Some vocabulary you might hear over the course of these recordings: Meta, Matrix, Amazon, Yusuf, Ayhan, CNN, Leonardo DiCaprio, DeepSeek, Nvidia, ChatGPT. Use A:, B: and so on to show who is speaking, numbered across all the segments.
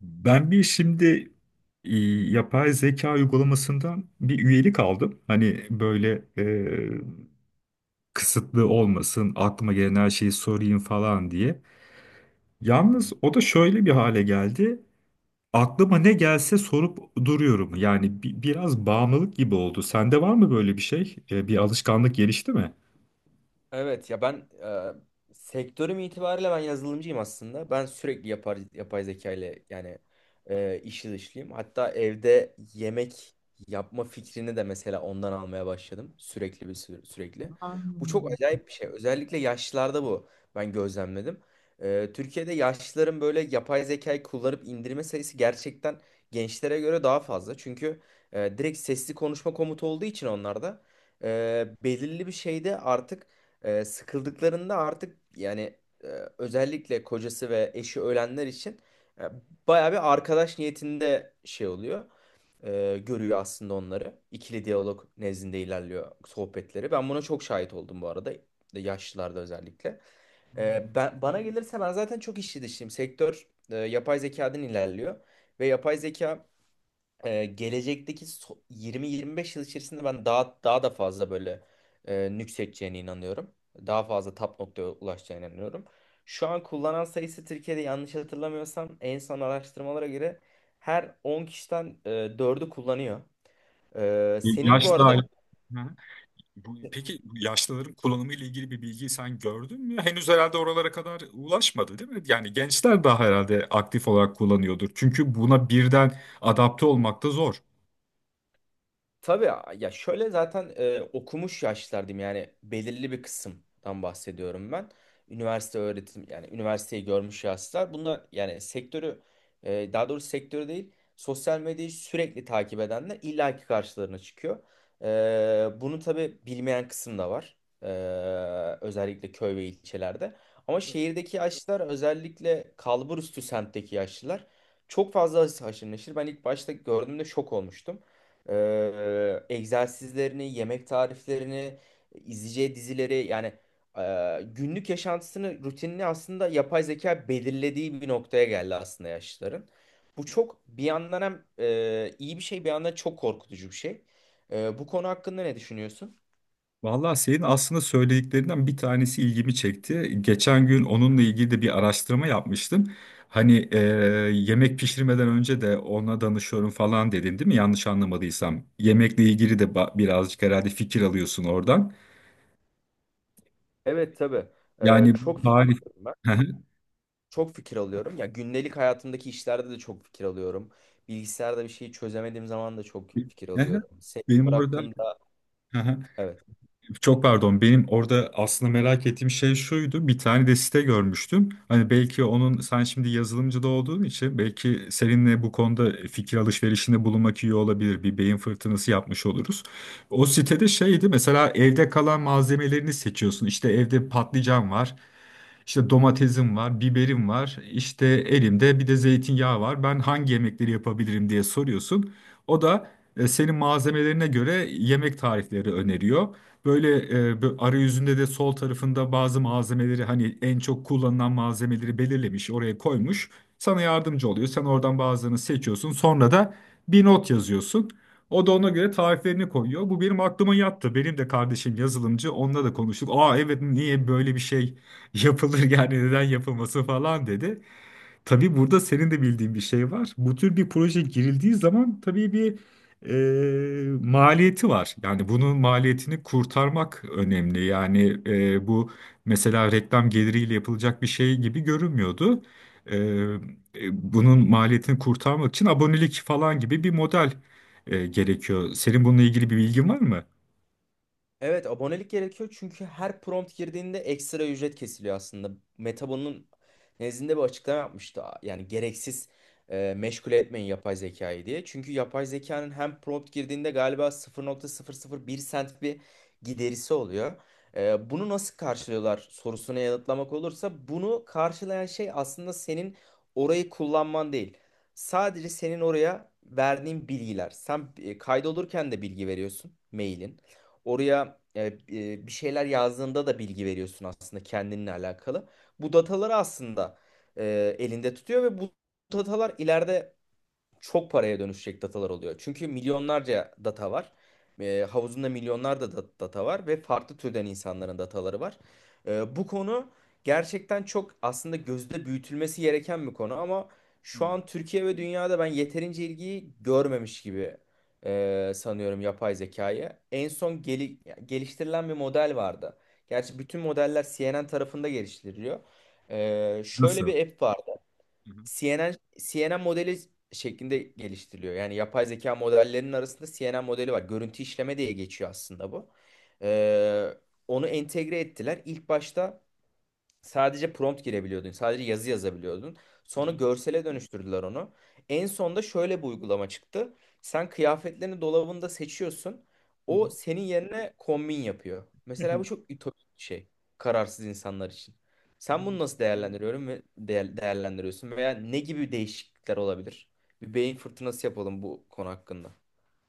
A: Ben bir şimdi e, yapay zeka uygulamasından bir üyelik aldım. Hani böyle kısıtlı olmasın, aklıma gelen her şeyi sorayım falan diye.
B: Hı
A: Yalnız
B: hı.
A: o da şöyle bir hale geldi. Aklıma ne gelse sorup duruyorum. Yani biraz bağımlılık gibi oldu. Sende var mı böyle bir şey? Bir alışkanlık gelişti mi?
B: Evet ya ben sektörüm itibariyle ben yazılımcıyım aslında. Ben sürekli yapay zeka ile yani işli dışlıyım. Hatta evde yemek yapma fikrini de mesela ondan almaya başladım. Sürekli bir sürekli. Bu çok acayip bir şey. Özellikle yaşlılarda bu ben gözlemledim. Türkiye'de yaşlıların böyle yapay zekayı kullanıp indirme sayısı gerçekten gençlere göre daha fazla. Çünkü direkt sesli konuşma komutu olduğu için onlarda belirli bir şeyde artık sıkıldıklarında artık yani e, özellikle kocası ve eşi ölenler için e, bayağı bir arkadaş niyetinde şey oluyor. Görüyor aslında onları. İkili diyalog nezdinde ilerliyor sohbetleri. Ben buna çok şahit oldum bu arada. Yaşlılarda özellikle. Bana gelirse ben zaten çok işçi dışıyım. Sektör yapay zekadan ilerliyor. Ve yapay zeka gelecekteki 20-25 yıl içerisinde ben daha daha da fazla böyle nüksedeceğine inanıyorum. Daha fazla tap noktaya ulaşacağına inanıyorum. Şu an kullanan sayısı Türkiye'de yanlış hatırlamıyorsam en son araştırmalara göre her 10 kişiden 4'ü kullanıyor. Senin bu
A: Yaşlı
B: arada.
A: Y- Bu, peki bu yaşlıların kullanımı ile ilgili bir bilgi sen gördün mü? Henüz herhalde oralara kadar ulaşmadı, değil mi? Yani gençler daha herhalde aktif olarak kullanıyordur. Çünkü buna birden adapte olmak da zor.
B: Tabii ya, şöyle zaten okumuş yaşlardım yani belirli bir kısımdan bahsediyorum ben. Üniversite öğretim yani üniversiteyi görmüş yaşlar. Bunlar yani sektörü daha doğrusu sektörü değil sosyal medyayı sürekli takip edenler illaki karşılarına çıkıyor. Bunu tabii bilmeyen kısım da var. E, özellikle köy ve ilçelerde. Ama şehirdeki yaşlılar özellikle kalburüstü semtteki yaşlılar çok fazla haşır neşir. Ben ilk başta gördüğümde şok olmuştum egzersizlerini, yemek tariflerini, izleyeceği dizileri yani günlük yaşantısını, rutinini aslında yapay zeka belirlediği bir noktaya geldi aslında yaşlıların. Bu çok bir yandan hem iyi bir şey, bir yandan çok korkutucu bir şey. Bu konu hakkında ne düşünüyorsun?
A: Vallahi senin aslında söylediklerinden bir tanesi ilgimi çekti. Geçen gün onunla ilgili de bir araştırma yapmıştım. Hani yemek pişirmeden önce de ona danışıyorum falan dedin, değil mi? Yanlış anlamadıysam. Yemekle ilgili de birazcık herhalde fikir alıyorsun oradan.
B: Evet, tabii. Ee,
A: Yani
B: çok
A: bu
B: fikir
A: tarif
B: alıyorum ben. Çok fikir alıyorum. Ya gündelik hayatımdaki işlerde de çok fikir alıyorum. Bilgisayarda bir şeyi çözemediğim zaman da çok fikir
A: Aha,
B: alıyorum. Sektör
A: benim orada
B: hakkında,
A: aha,
B: evet.
A: çok pardon, benim orada aslında merak ettiğim şey şuydu, bir tane de site görmüştüm, hani belki onun, sen şimdi yazılımcı da olduğun için belki seninle bu konuda fikir alışverişinde bulunmak iyi olabilir, bir beyin fırtınası yapmış oluruz. O sitede şeydi mesela: evde kalan malzemelerini seçiyorsun. İşte evde patlıcan var, işte domatesim var, biberim var, işte elimde bir de zeytinyağı var, ben hangi yemekleri yapabilirim diye soruyorsun. O da senin malzemelerine göre yemek tarifleri öneriyor. Böyle arayüzünde de sol tarafında bazı malzemeleri, hani en çok kullanılan malzemeleri belirlemiş, oraya koymuş. Sana yardımcı oluyor. Sen oradan bazılarını seçiyorsun. Sonra da bir not yazıyorsun. O da ona göre tariflerini koyuyor. Bu benim aklıma yattı. Benim de kardeşim yazılımcı. Onunla da konuştuk. Aa, evet, niye böyle bir şey yapılır yani neden yapılması falan dedi. Tabii burada senin de bildiğin bir şey var. Bu tür bir proje girildiği zaman tabii bir maliyeti var. Yani bunun maliyetini kurtarmak önemli. Yani bu mesela reklam geliriyle yapılacak bir şey gibi görünmüyordu. E, Bunun maliyetini kurtarmak için abonelik falan gibi bir model gerekiyor. Senin bununla ilgili bir bilgin var mı?
B: Evet, abonelik gerekiyor çünkü her prompt girdiğinde ekstra ücret kesiliyor aslında. Meta bunun nezdinde bir açıklama yapmıştı. Yani gereksiz meşgul etmeyin yapay zekayı diye. Çünkü yapay zekanın hem prompt girdiğinde galiba 0,001 sent bir giderisi oluyor. Bunu nasıl karşılıyorlar sorusuna yanıtlamak olursa bunu karşılayan şey aslında senin orayı kullanman değil. Sadece senin oraya verdiğin bilgiler. Sen kaydolurken de bilgi veriyorsun, mailin. Oraya bir şeyler yazdığında da bilgi veriyorsun aslında kendinle alakalı. Bu dataları aslında elinde tutuyor ve bu datalar ileride çok paraya dönüşecek datalar oluyor. Çünkü milyonlarca data var. Havuzunda milyonlarca data var ve farklı türden insanların dataları var. Bu konu gerçekten çok aslında gözde büyütülmesi gereken bir konu ama şu an Türkiye ve dünyada ben yeterince ilgiyi görmemiş gibi sanıyorum yapay zekayı. En son geliştirilen bir model vardı. Gerçi bütün modeller CNN tarafında geliştiriliyor. Şöyle
A: Nasıl?
B: bir app var.
A: Hı hı,
B: CNN modeli şeklinde geliştiriliyor. Yani yapay zeka modellerinin arasında CNN modeli var. Görüntü işleme diye geçiyor aslında bu. Ee, onu entegre ettiler. İlk başta sadece prompt girebiliyordun. Sadece yazı yazabiliyordun. Sonra görsele dönüştürdüler onu. En sonda şöyle bir uygulama çıktı. Sen kıyafetlerini dolabında seçiyorsun.
A: hı hı,
B: O senin yerine kombin yapıyor.
A: hı
B: Mesela bu
A: hı.
B: çok ütopik bir şey. Kararsız insanlar için. Sen bunu nasıl değerlendiriyorum ve değerlendiriyorsun veya ne gibi değişiklikler olabilir? Bir beyin fırtınası yapalım bu konu hakkında.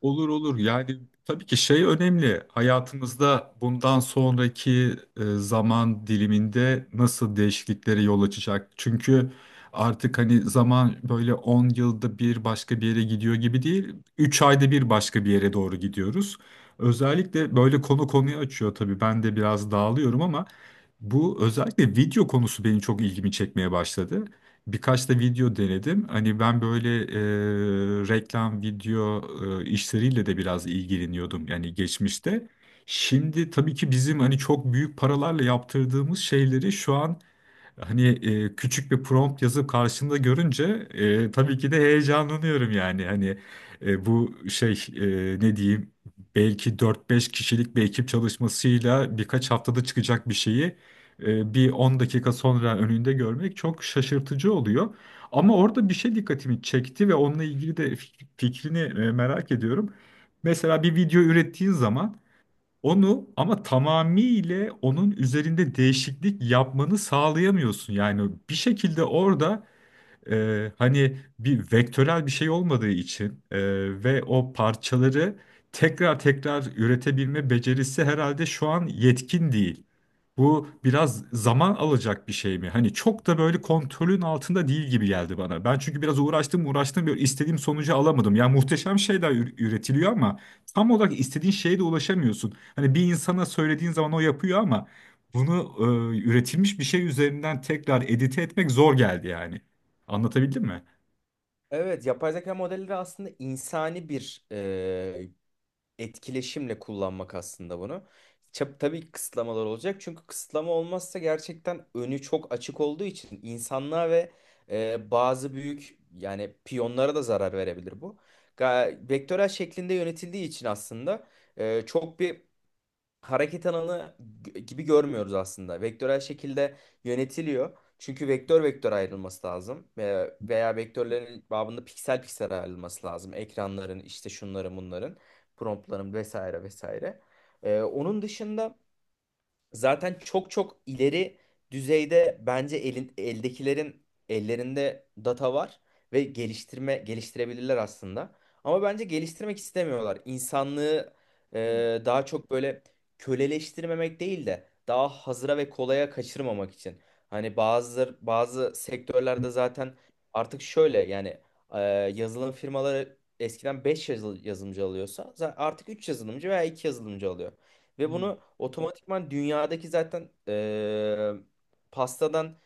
A: Olur olur, yani tabii ki şey önemli: hayatımızda bundan sonraki zaman diliminde nasıl değişikliklere yol açacak. Çünkü artık hani zaman böyle 10 yılda bir başka bir yere gidiyor gibi değil. 3 ayda bir başka bir yere doğru gidiyoruz. Özellikle böyle konu konuyu açıyor, tabii ben de biraz dağılıyorum, ama bu özellikle video konusu benim çok ilgimi çekmeye başladı. Birkaç da video denedim. Hani ben böyle reklam, video işleriyle de biraz ilgileniyordum yani, geçmişte. Şimdi tabii ki bizim hani çok büyük paralarla yaptırdığımız şeyleri şu an, hani küçük bir prompt yazıp karşında görünce tabii ki de heyecanlanıyorum yani. Hani bu şey, ne diyeyim, belki 4-5 kişilik bir ekip çalışmasıyla birkaç haftada çıkacak bir şeyi bir 10 dakika sonra önünde görmek çok şaşırtıcı oluyor. Ama orada bir şey dikkatimi çekti ve onunla ilgili de fikrini merak ediyorum. Mesela bir video ürettiğin zaman onu, ama tamamıyla onun üzerinde değişiklik yapmanı sağlayamıyorsun. Yani bir şekilde orada hani bir vektörel bir şey olmadığı için, ve o parçaları tekrar tekrar üretebilme becerisi herhalde şu an yetkin değil. Bu biraz zaman alacak bir şey mi? Hani çok da böyle kontrolün altında değil gibi geldi bana. Ben çünkü biraz uğraştım uğraştım, böyle istediğim sonucu alamadım. Yani muhteşem şeyler üretiliyor ama tam olarak istediğin şeye de ulaşamıyorsun. Hani bir insana söylediğin zaman o yapıyor, ama bunu üretilmiş bir şey üzerinden tekrar edite etmek zor geldi yani. Anlatabildim mi?
B: Evet, yapay zeka modelleri aslında insani bir etkileşimle kullanmak aslında bunu. Tabii kısıtlamalar olacak çünkü kısıtlama olmazsa gerçekten önü çok açık olduğu için insanlığa ve bazı büyük yani piyonlara da zarar verebilir bu. Vektörel şeklinde yönetildiği için aslında çok bir hareket alanı gibi görmüyoruz aslında. Vektörel şekilde yönetiliyor. Çünkü vektör vektör ayrılması lazım. Veya vektörlerin babında piksel piksel ayrılması lazım. Ekranların, işte şunların bunların, promptların, vesaire vesaire. Onun dışında zaten çok çok ileri düzeyde bence elin, eldekilerin ellerinde data var ve geliştirme geliştirebilirler aslında. Ama bence geliştirmek istemiyorlar. İnsanlığı
A: Hmm.
B: daha çok böyle köleleştirmemek değil de daha hazıra ve kolaya kaçırmamak için. Hani bazı bazı sektörlerde zaten artık şöyle yani e, yazılım firmaları eskiden 5 yazılımcı alıyorsa artık 3 yazılımcı veya 2 yazılımcı alıyor. Ve
A: Hmm.
B: bunu otomatikman dünyadaki zaten pastadan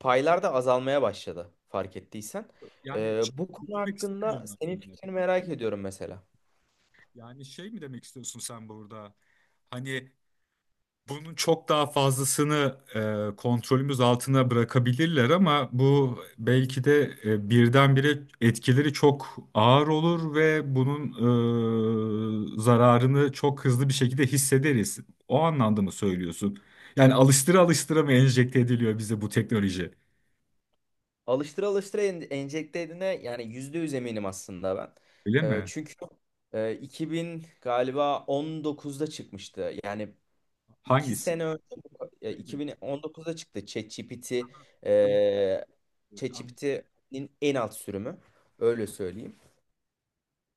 B: paylar da azalmaya başladı, fark ettiysen.
A: Yani
B: Eee,
A: şey,
B: bu konu
A: üzülmek
B: hakkında
A: istemiyorum
B: senin
A: aslında.
B: fikrini merak ediyorum mesela.
A: Yani şey mi demek istiyorsun sen burada? Hani bunun çok daha fazlasını kontrolümüz altına bırakabilirler, ama bu belki de birdenbire etkileri çok ağır olur ve bunun zararını çok hızlı bir şekilde hissederiz. O anlamda mı söylüyorsun? Yani alıştıra alıştıra mı enjekte ediliyor bize bu teknoloji?
B: Alıştıra alıştıra enjekte edine yani %100 eminim aslında ben.
A: Öyle
B: Ee,
A: mi?
B: çünkü 2000 galiba 19'da çıkmıştı. Yani iki
A: Hangisi?
B: sene önce
A: Şey mi?
B: 2019'da çıktı ChatGPT,
A: Aha, İlk
B: e,
A: an.
B: ChatGPT'nin en alt sürümü öyle söyleyeyim.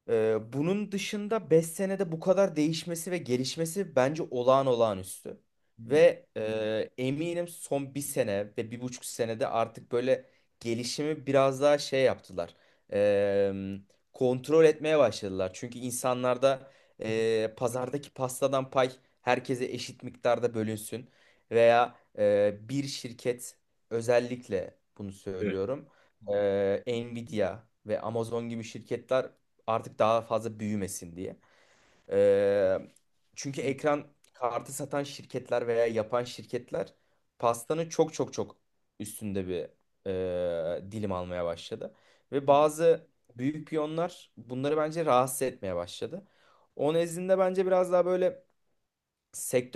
B: Bunun dışında 5 senede bu kadar değişmesi ve gelişmesi bence olağanüstü.
A: Hmm.
B: Ve eminim son bir sene ve 1,5 senede artık böyle gelişimi biraz daha şey yaptılar. Ee, kontrol etmeye başladılar. Çünkü insanlarda pazardaki pastadan pay herkese eşit miktarda bölünsün. Veya bir şirket, özellikle bunu
A: Evet.
B: söylüyorum. Nvidia ve Amazon gibi şirketler artık daha fazla büyümesin diye. Ee, çünkü
A: Hmm.
B: ekran kartı satan şirketler veya yapan şirketler pastanın çok çok çok üstünde bir dilim almaya başladı. Ve
A: Hmm.
B: bazı büyük piyonlar bunları bence rahatsız etmeye başladı. O nezdinde bence biraz daha böyle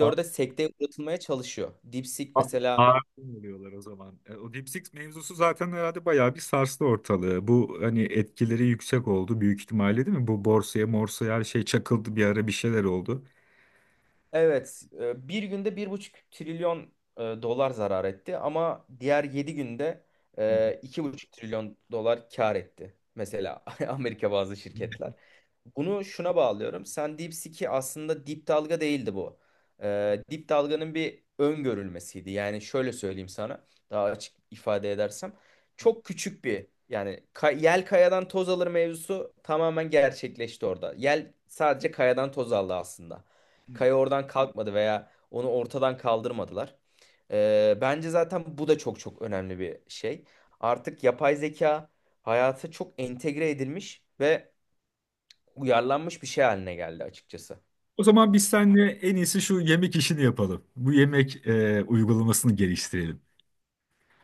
A: A-
B: sekteye uğratılmaya çalışıyor. DeepSeek
A: a-
B: mesela.
A: Oluyorlar o zaman. O Deep Six mevzusu zaten herhalde bayağı bir sarstı ortalığı. Bu hani etkileri yüksek oldu büyük ihtimalle, değil mi? Bu borsaya morsaya her şey çakıldı bir ara, bir şeyler oldu.
B: Evet, bir günde 1,5 trilyon dolar zarar etti ama diğer 7 günde
A: Hı
B: 2,5 trilyon dolar kar etti. Mesela Amerika bazı şirketler. Bunu şuna bağlıyorum. Sen DeepSeek'i aslında dip dalga değildi bu. Dip dalganın bir öngörülmesiydi. Yani şöyle söyleyeyim sana, daha açık ifade edersem. Çok küçük bir yani yel kayadan toz alır mevzusu tamamen gerçekleşti orada. Yel sadece kayadan toz aldı aslında.
A: hı.
B: Kaya oradan kalkmadı veya onu ortadan kaldırmadılar. Bence zaten bu da çok çok önemli bir şey. Artık yapay zeka hayata çok entegre edilmiş ve uyarlanmış bir şey haline geldi açıkçası.
A: O zaman biz seninle en iyisi şu yemek işini yapalım. Bu yemek uygulamasını geliştirelim.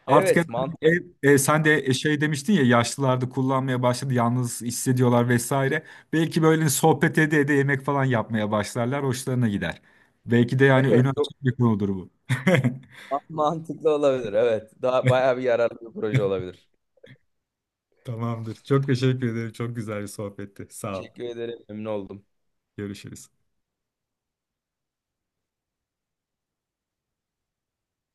A: Artık
B: Evet, mantıklı.
A: sen de şey demiştin ya, yaşlılarda kullanmaya başladı, yalnız hissediyorlar vesaire. Belki böyle sohbet ede ede yemek falan yapmaya başlarlar, hoşlarına gider. Belki de yani
B: Evet,
A: önü
B: çok
A: açık bir konudur bu.
B: mantıklı olabilir. Evet, daha bayağı bir yararlı bir proje olabilir.
A: Tamamdır. Çok teşekkür ederim. Çok güzel bir sohbetti. Sağ ol.
B: Teşekkür ederim, memnun oldum.
A: Görüşürüz.